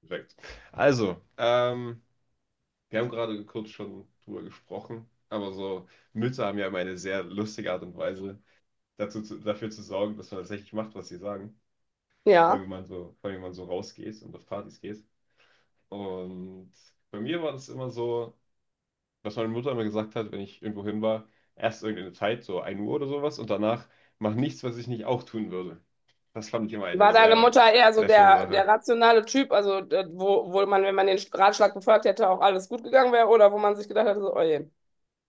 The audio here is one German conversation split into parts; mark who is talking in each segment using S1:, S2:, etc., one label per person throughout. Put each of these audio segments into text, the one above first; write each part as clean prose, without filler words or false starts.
S1: Perfekt. Also, wir haben gerade kurz schon drüber gesprochen, aber so Mütter haben ja immer eine sehr lustige Art und Weise, dafür zu sorgen, dass man tatsächlich macht, was sie sagen. Weil
S2: Ja.
S1: wenn man so, vor allem wenn man so rausgeht und auf Partys geht. Und bei mir war das immer so, was meine Mutter immer gesagt hat, wenn ich irgendwo hin war, erst irgendeine Zeit, so ein Uhr oder sowas, und danach mach nichts, was ich nicht auch tun würde. Das fand ich immer eine
S2: War deine Mutter eher so
S1: sehr schöne
S2: der, der
S1: Sache.
S2: rationale Typ, also wo, wo man, wenn man den Ratschlag befolgt hätte, auch alles gut gegangen wäre oder wo man sich gedacht hätte, so, oh je.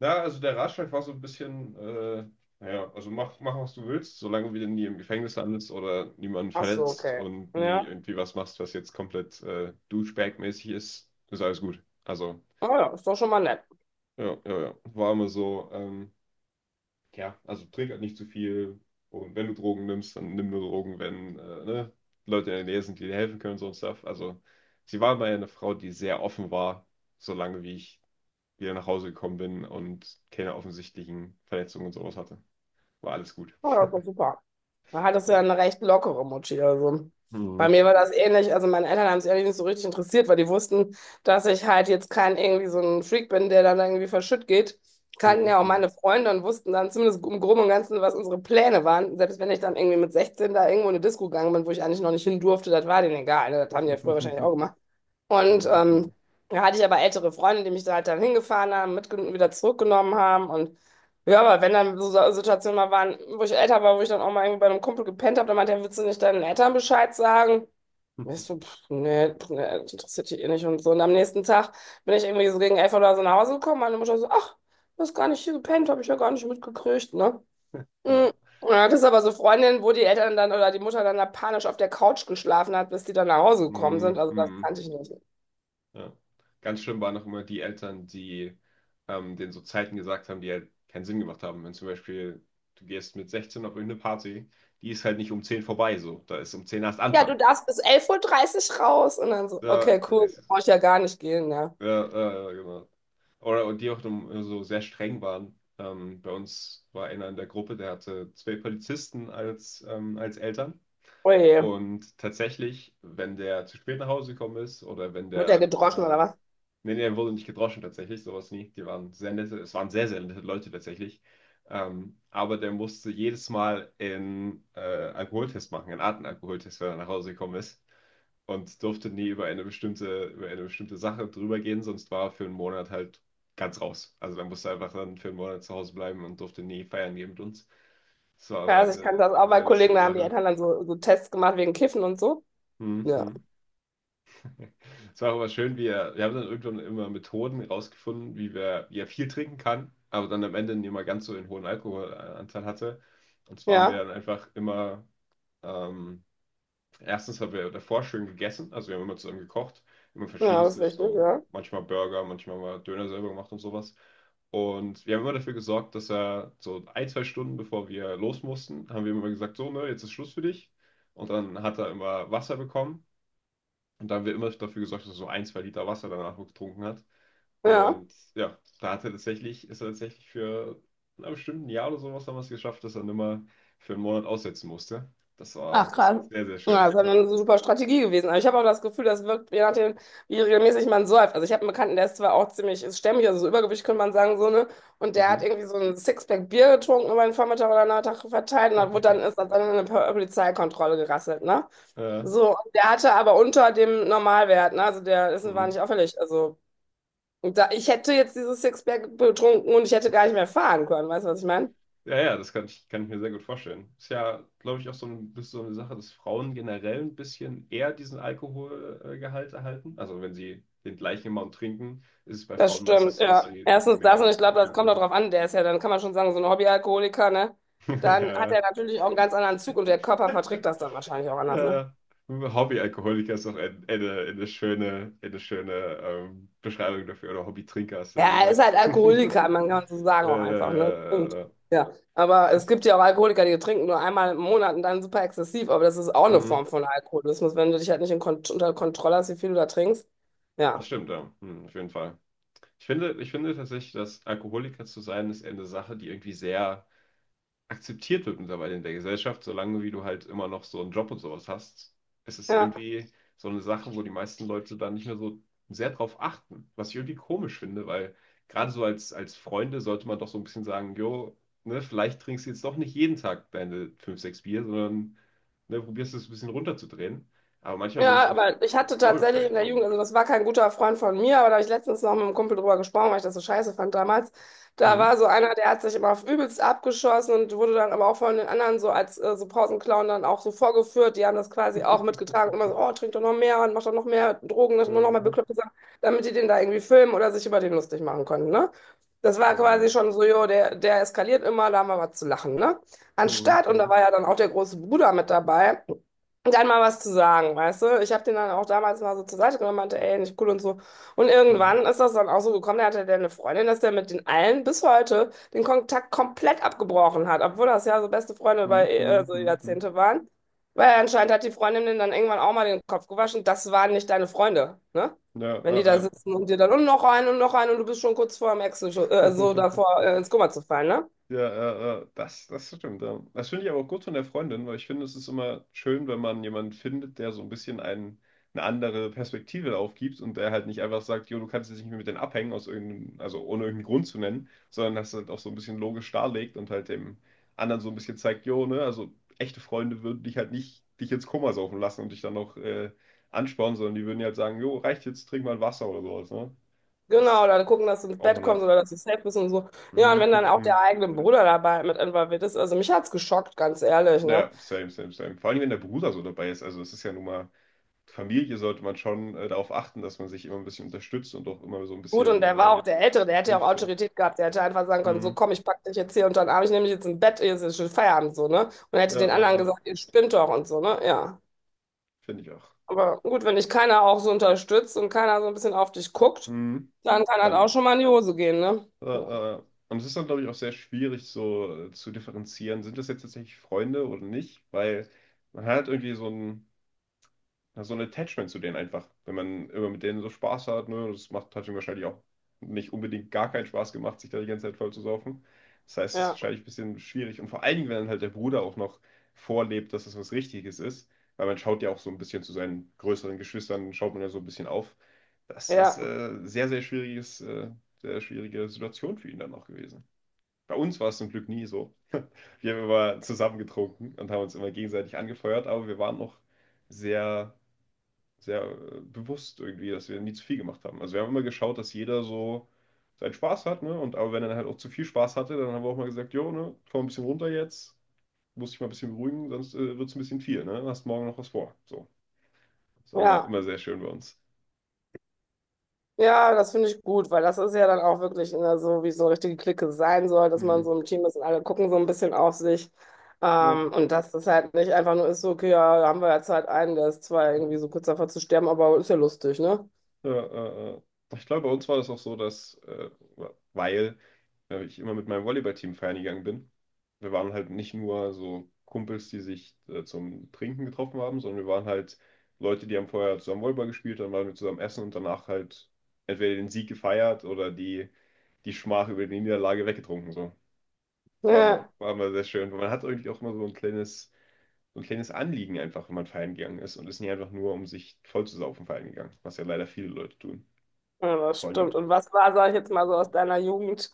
S1: Na, also der Ratschlag war so ein bisschen, naja, also mach, was du willst, solange du nie im Gefängnis landest oder niemanden
S2: Ach so,
S1: verletzt
S2: okay.
S1: und nie
S2: Ja.
S1: irgendwie was machst, was jetzt komplett Douchebag-mäßig ist, ist alles gut. Also,
S2: Oh ja, ist doch schon mal nett.
S1: ja, ja, ja. War immer so, ja, also trink halt nicht zu viel und wenn du Drogen nimmst, dann nimm nur Drogen, wenn ne, Leute in der Nähe sind, die dir helfen können und so und Stuff. Also, sie war immer eine Frau, die sehr offen war, solange wie ich wieder nach Hause gekommen bin und keine offensichtlichen Verletzungen und sowas hatte. War alles gut.
S2: Oh ja, ist doch super. Da hattest du
S1: Ja.
S2: ja eine recht lockere Mutti. Also bei
S1: Mhm,
S2: mir
S1: zum
S2: war
S1: Glück.
S2: das ähnlich. Also meine Eltern haben es ehrlich nicht so richtig interessiert, weil die wussten, dass ich halt jetzt kein irgendwie so ein Freak bin, der dann irgendwie verschütt geht. Kannten
S1: Mhm,
S2: ja auch
S1: mhm.
S2: meine Freunde und wussten dann zumindest im Groben und Ganzen, was unsere Pläne waren. Selbst wenn ich dann irgendwie mit 16 da irgendwo in eine Disco gegangen bin, wo ich eigentlich noch nicht hin durfte, das war denen egal, ne? Das haben die ja früher wahrscheinlich auch
S1: Mhm,
S2: gemacht. Und ähm,
S1: mhm.
S2: Da hatte ich aber ältere Freunde, die mich da halt dann hingefahren haben, mitgenommen, wieder zurückgenommen haben. Und ja, aber wenn dann so Situationen mal waren, wo ich älter war, wo ich dann auch mal irgendwie bei einem Kumpel gepennt habe, dann meinte er, willst du nicht deinen Eltern Bescheid sagen? Und ich so, pff, nee, das interessiert die eh nicht und so. Und am nächsten Tag bin ich irgendwie so gegen 11 oder so nach Hause gekommen. Meine Mutter so, ach, du hast gar nicht hier gepennt, habe ich ja gar nicht mitgekriegt, ne?
S1: Ja.
S2: Mhm. Und dann hat es aber so Freundinnen, wo die Eltern dann oder die Mutter dann da panisch auf der Couch geschlafen hat, bis die dann nach Hause gekommen sind.
S1: Mhm,
S2: Also das
S1: mhm.
S2: kannte ich nicht.
S1: Ja. Ganz schlimm waren noch immer die Eltern, die denen so Zeiten gesagt haben, die halt keinen Sinn gemacht haben. Wenn zum Beispiel du gehst mit 16 auf irgendeine Party, die ist halt nicht um 10 vorbei, so. Da ist um 10 erst
S2: Ja,
S1: Anfang.
S2: du darfst bis 11:30 Uhr raus. Und dann so,
S1: Ja,
S2: okay, cool,
S1: das ist,
S2: brauche ich ja gar nicht gehen, ja.
S1: ja, ja, ja, genau. Oder und die auch so sehr streng waren. Bei uns war einer in der Gruppe, der hatte zwei Polizisten als Eltern.
S2: Oje,
S1: Und tatsächlich, wenn der zu spät nach Hause gekommen ist oder wenn
S2: wird der gedroschen oder was?
S1: nee, nee, er wurde nicht gedroschen tatsächlich, sowas nie. Die waren sehr nette, es waren sehr nette Leute tatsächlich. Aber der musste jedes Mal einen Alkoholtest machen, einen Atemalkoholtest, wenn er nach Hause gekommen ist. Und durfte nie über eine über eine bestimmte Sache drüber gehen, sonst war er für einen Monat halt ganz raus. Also dann musste er einfach dann für einen Monat zu Hause bleiben und durfte nie feiern gehen mit uns. Das war aber
S2: Ja, also ich kannte das auch
S1: eine
S2: bei
S1: sehr
S2: Kollegen,
S1: lustige
S2: da haben die
S1: Sache.
S2: Eltern dann so, so Tests gemacht wegen Kiffen und so. Ja.
S1: Mhm. Es war aber schön, wir haben dann irgendwann immer Methoden rausgefunden, wie er viel trinken kann, aber dann am Ende nicht mal ganz so einen hohen Alkoholanteil hatte. Und zwar haben wir
S2: Ja,
S1: dann einfach immer, ähm, erstens haben wir davor schön gegessen, also wir haben immer zusammen gekocht, immer
S2: ja, das ist
S1: verschiedenstes,
S2: richtig,
S1: so
S2: ja.
S1: manchmal Burger, manchmal mal Döner selber gemacht und sowas. Und wir haben immer dafür gesorgt, dass er so ein, zwei Stunden bevor wir los mussten, haben wir ihm immer gesagt, so, ne, jetzt ist Schluss für dich. Und dann hat er immer Wasser bekommen. Und da haben wir immer dafür gesorgt, dass er so ein, zwei Liter Wasser danach getrunken hat.
S2: Ja.
S1: Und ja, da hat er ist er tatsächlich für na, bestimmt ein bestimmten Jahr oder sowas haben wir es geschafft, dass er nimmer für einen Monat aussetzen musste. Das
S2: Ach,
S1: war
S2: krass.
S1: sehr
S2: Ja,
S1: schön.
S2: das ist dann
S1: Ja.
S2: eine super Strategie gewesen. Aber ich habe auch das Gefühl, das wirkt, je nachdem, wie regelmäßig man säuft. Also ich habe einen Bekannten, der ist zwar auch ziemlich ist stämmig, also so Übergewicht könnte man sagen, so, ne? Und der hat
S1: Mhm.
S2: irgendwie so ein Sixpack Bier getrunken über den Vormittag oder Nachmittag verteilt und dann wurde dann, ist dann in eine Polizeikontrolle gerasselt, ne?
S1: Ja,
S2: So, und der hatte aber unter dem Normalwert, ne? Also der Essen war
S1: mhm.
S2: nicht auffällig. Also und da, ich hätte jetzt dieses Sixpack betrunken und ich hätte gar nicht mehr fahren können, weißt du, was ich meine?
S1: Ja, ja, das kann kann ich mir sehr gut vorstellen. Ist ja, glaube ich, auch so, ein, bisschen so eine Sache, dass Frauen generell ein bisschen eher diesen Alkoholgehalt erhalten. Also wenn sie den gleichen Amount trinken, ist es bei
S2: Das
S1: Frauen meistens
S2: stimmt,
S1: so,
S2: ja.
S1: dass sie
S2: Erstens das und
S1: mehr
S2: ich glaube, das
S1: tun
S2: kommt auch
S1: werden.
S2: drauf an. Der ist ja, dann kann man schon sagen, so ein Hobbyalkoholiker, ne? Dann hat
S1: Ja,
S2: er natürlich auch einen ganz anderen Zug und der Körper verträgt das dann wahrscheinlich auch anders, ne?
S1: ja, Hobbyalkoholiker ist doch eine eine schöne Beschreibung dafür. Oder Hobbytrinker hast du ja
S2: Ja, er ist
S1: gesagt.
S2: halt Alkoholiker, man kann so sagen
S1: Ja,
S2: auch
S1: ja,
S2: einfach, ne?
S1: ja, ja,
S2: Punkt.
S1: ja.
S2: Ja. Aber es
S1: Ist,
S2: gibt ja auch Alkoholiker, die trinken nur einmal im Monat und dann super exzessiv, aber das ist auch eine Form
S1: mhm.
S2: von Alkoholismus, wenn du dich halt nicht in Kont unter Kontrolle hast, wie viel du da trinkst.
S1: Das
S2: Ja.
S1: stimmt, ja. Mhm, auf jeden Fall. Ich finde tatsächlich, dass Alkoholiker zu sein, ist eher eine Sache, die irgendwie sehr akzeptiert wird mittlerweile in der Gesellschaft, solange wie du halt immer noch so einen Job und sowas hast. Es ist
S2: Ja.
S1: irgendwie so eine Sache, wo die meisten Leute dann nicht mehr so sehr drauf achten, was ich irgendwie komisch finde, weil gerade so als Freunde sollte man doch so ein bisschen sagen, jo, ne, vielleicht trinkst du jetzt doch nicht jeden Tag deine 5 6 Bier, sondern ne, probierst es ein bisschen runterzudrehen. Aber manchmal wird es
S2: Ja,
S1: auch
S2: aber ich hatte tatsächlich
S1: glorified
S2: in der
S1: irgendwie.
S2: Jugend, also das war kein guter Freund von mir, aber da habe ich letztens noch mit einem Kumpel drüber gesprochen, weil ich das so scheiße fand damals. Da
S1: Hm.
S2: war so einer, der hat sich immer auf übelst abgeschossen und wurde dann aber auch von den anderen so als so Pausenclown dann auch so vorgeführt. Die haben das quasi auch mitgetragen. Immer so, oh, trink doch noch mehr und mach doch noch mehr Drogen, das nur noch mal
S1: Ja.
S2: bekloppte Sachen, damit die den da irgendwie filmen oder sich über den lustig machen konnten, ne? Das war
S1: Oh je.
S2: quasi schon so, jo, der, der eskaliert immer, da haben wir was zu lachen, ne?
S1: Hm,
S2: Anstatt, und da
S1: hm,
S2: war ja dann auch der große Bruder mit dabei, dann mal was zu sagen, weißt du? Ich habe den dann auch damals mal so zur Seite genommen, meinte, ey, nicht cool und so. Und
S1: hm,
S2: irgendwann ist das dann auch so gekommen, da hatte der eine Freundin, dass der mit den allen bis heute den Kontakt komplett abgebrochen hat, obwohl das ja so beste Freunde
S1: hm,
S2: über
S1: hm,
S2: so
S1: hm, hm.
S2: Jahrzehnte waren. Weil anscheinend hat die Freundin den dann irgendwann auch mal den Kopf gewaschen, das waren nicht deine Freunde, ne?
S1: Ja,
S2: Wenn
S1: ja,
S2: die da
S1: ja.
S2: sitzen und dir dann und noch einen und noch einen und du bist schon kurz vor dem Ex, so davor ins Koma zu fallen, ne?
S1: Ja, das, das stimmt. Ja. Das finde ich aber auch gut von der Freundin, weil ich finde, es ist immer schön, wenn man jemanden findet, der so ein bisschen einen, eine andere Perspektive aufgibt und der halt nicht einfach sagt, jo, du kannst jetzt nicht mehr mit denen abhängen, aus irgendeinem, also ohne irgendeinen Grund zu nennen, sondern das halt auch so ein bisschen logisch darlegt und halt dem anderen so ein bisschen zeigt, jo, ne, also echte Freunde würden dich halt nicht, dich ins Koma saufen lassen und dich dann noch anspornen, sondern die würden dir halt sagen, jo, reicht jetzt, trink mal ein Wasser oder sowas, ne?
S2: Genau,
S1: Das
S2: oder gucken, dass du ins
S1: braucht
S2: Bett
S1: man
S2: kommst
S1: halt.
S2: oder dass du safe bist und so. Ja, und wenn dann auch der
S1: Mhm.
S2: eigene Bruder dabei mit involviert ist, also mich hat's geschockt, ganz ehrlich, ne?
S1: Ja, same, same, same. Vor allem, wenn der Bruder so dabei ist. Also, es ist ja nun mal, Familie sollte man schon darauf achten, dass man sich immer ein bisschen unterstützt und auch immer so ein
S2: Gut, und
S1: bisschen
S2: der war auch der Ältere, der hätte ja auch
S1: hilft so.
S2: Autorität gehabt, der hätte einfach sagen können,
S1: Hm.
S2: so komm, ich pack dich jetzt hier unter den Arm, ich nehme dich jetzt ins Bett, hier ist jetzt schon Feierabend, so, ne? Und
S1: Ja,
S2: hätte den anderen gesagt, ihr spinnt doch und so, ne? Ja.
S1: finde ich auch.
S2: Aber gut, wenn dich keiner auch so unterstützt und keiner so ein bisschen auf dich guckt,
S1: Hm.
S2: dann kann halt auch
S1: Dann,
S2: schon mal in die Hose gehen, ne?
S1: äh, äh. äh. Und es ist dann, glaube ich, auch sehr schwierig so zu differenzieren, sind das jetzt tatsächlich Freunde oder nicht? Weil man hat irgendwie so ein ja, so ein Attachment zu denen einfach. Wenn man immer mit denen so Spaß hat, ne, das macht, hat ihm wahrscheinlich auch nicht unbedingt gar keinen Spaß gemacht, sich da die ganze Zeit voll zu saufen. Das heißt, es ist
S2: Ja,
S1: wahrscheinlich ein bisschen schwierig. Und vor allen Dingen, wenn dann halt der Bruder auch noch vorlebt, dass das was Richtiges ist, weil man schaut ja auch so ein bisschen zu seinen größeren Geschwistern, schaut man ja so ein bisschen auf. Das ist
S2: ja,
S1: sehr, sehr schwierige Situation für ihn dann auch gewesen. Bei uns war es zum Glück nie so. Wir haben immer zusammen getrunken und haben uns immer gegenseitig angefeuert, aber wir waren noch sehr sehr bewusst irgendwie, dass wir nie zu viel gemacht haben. Also wir haben immer geschaut, dass jeder so seinen Spaß hat, ne? Und aber wenn er dann halt auch zu viel Spaß hatte, dann haben wir auch mal gesagt, jo, ne, komm ein bisschen runter jetzt, muss dich mal ein bisschen beruhigen, sonst wird es ein bisschen viel, ne? Hast morgen noch was vor. So. Das ist
S2: ja, ja.
S1: immer sehr schön bei uns.
S2: Ja, das finde ich gut, weil das ist ja dann auch wirklich ne, so, wie so eine richtige Clique sein soll, dass man
S1: Hm.
S2: so im Team ist und alle gucken so ein bisschen auf sich.
S1: Ja.
S2: Und dass das halt nicht einfach nur ist, so, okay, ja, da haben wir jetzt halt einen, der ist zwar irgendwie so kurz davor zu sterben, aber ist ja lustig, ne?
S1: Ja, ich glaube, bei uns war das auch so, dass, weil ich immer mit meinem Volleyballteam feiern gegangen bin. Wir waren halt nicht nur so Kumpels, die sich zum Trinken getroffen haben, sondern wir waren halt Leute, die haben vorher zusammen Volleyball gespielt, dann waren wir zusammen essen und danach halt entweder den Sieg gefeiert oder die Schmach über die Niederlage weggetrunken. So. Das war
S2: Ja,
S1: war immer sehr schön. Man hat irgendwie auch immer so ein kleines Anliegen einfach, wenn man feiern gegangen ist und ist nicht einfach nur, um sich voll zu saufen feiern gegangen, was ja leider viele Leute tun.
S2: ja, das
S1: Vor
S2: stimmt.
S1: allem,
S2: Und was war, sag ich jetzt mal so aus deiner Jugend?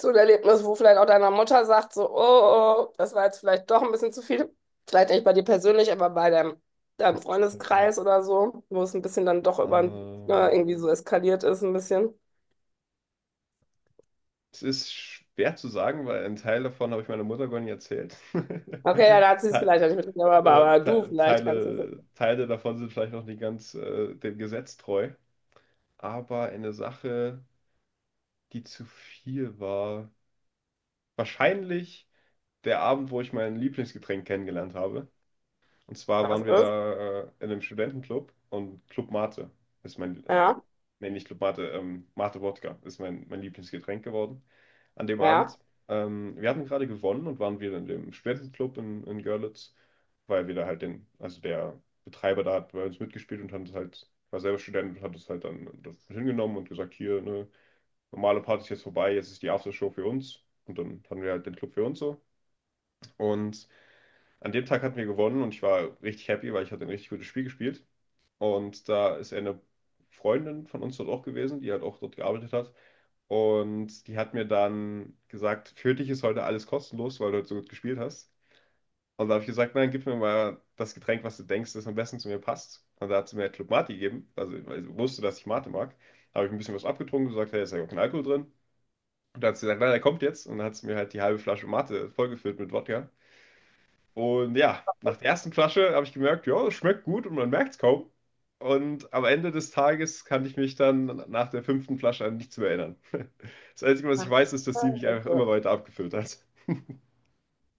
S2: So ein Erlebnis, wo vielleicht auch deiner Mutter sagt, so, oh, oh, oh, das war jetzt vielleicht doch ein bisschen zu viel. Vielleicht nicht bei dir persönlich, aber bei deinem, deinem Freundeskreis oder so, wo es ein bisschen dann doch über
S1: ähm,
S2: irgendwie so eskaliert ist, ein bisschen.
S1: es ist schwer zu sagen, weil ein Teil davon habe ich meiner Mutter gar nicht erzählt.
S2: Okay, ja, da hat sie es
S1: Te-
S2: vielleicht ja nicht mitgekriegt, aber du vielleicht kannst es wissen,
S1: Teile davon sind vielleicht noch nicht ganz dem Gesetz treu. Aber eine Sache, die zu viel war, wahrscheinlich der Abend, wo ich mein Lieblingsgetränk kennengelernt habe. Und zwar
S2: was
S1: waren wir
S2: ist.
S1: da in einem Studentenclub und Club Mate ist mein
S2: Ja,
S1: nee, nicht Club Mate, Mate Wodka ist mein Lieblingsgetränk geworden an dem
S2: ja.
S1: Abend. Wir hatten gerade gewonnen und waren wieder in dem Spätclub in Görlitz, weil wir da halt den, also der Betreiber da hat bei uns mitgespielt und hat es halt, war selber Student und hat es halt dann das hingenommen und gesagt, hier, ne, normale Party ist jetzt vorbei, jetzt ist die Aftershow für uns. Und dann hatten wir halt den Club für uns so. Und an dem Tag hatten wir gewonnen und ich war richtig happy, weil ich hatte ein richtig gutes Spiel gespielt. Und da ist eine Freundin von uns dort auch gewesen, die halt auch dort gearbeitet hat. Und die hat mir dann gesagt, für dich ist heute alles kostenlos, weil du heute so gut gespielt hast. Und da habe ich gesagt, nein, gib mir mal das Getränk, was du denkst, das am besten zu mir passt. Und da hat sie mir halt Club Mate gegeben, also weil sie wusste, dass ich Mate mag. Da habe ich ein bisschen was abgetrunken, gesagt, hey, ist ja auch kein Alkohol drin. Und da hat sie gesagt, nein, der kommt jetzt. Und dann hat sie mir halt die halbe Flasche Mate vollgefüllt mit Wodka. Und ja, nach der ersten Flasche habe ich gemerkt, ja, es schmeckt gut und man merkt es kaum. Und am Ende des Tages kann ich mich dann nach der fünften Flasche an nichts mehr erinnern. Das Einzige, was ich
S2: Ach, du
S1: weiß, ist, dass die mich einfach immer
S2: Scheiße.
S1: weiter abgefüllt hat.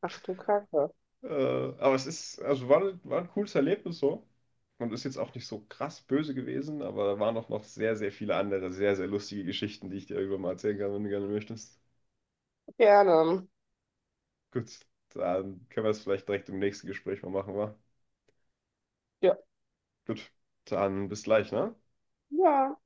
S2: Ach du Kacke.
S1: Aber es ist, war ein cooles Erlebnis so. Und ist jetzt auch nicht so krass böse gewesen, aber da waren auch noch sehr viele andere, sehr lustige Geschichten, die ich dir irgendwann mal erzählen kann, wenn du gerne möchtest.
S2: Gerne.
S1: Gut, dann können wir es vielleicht direkt im nächsten Gespräch mal machen, wa?
S2: Ja.
S1: Gut, dann bis gleich, ne?
S2: Ja.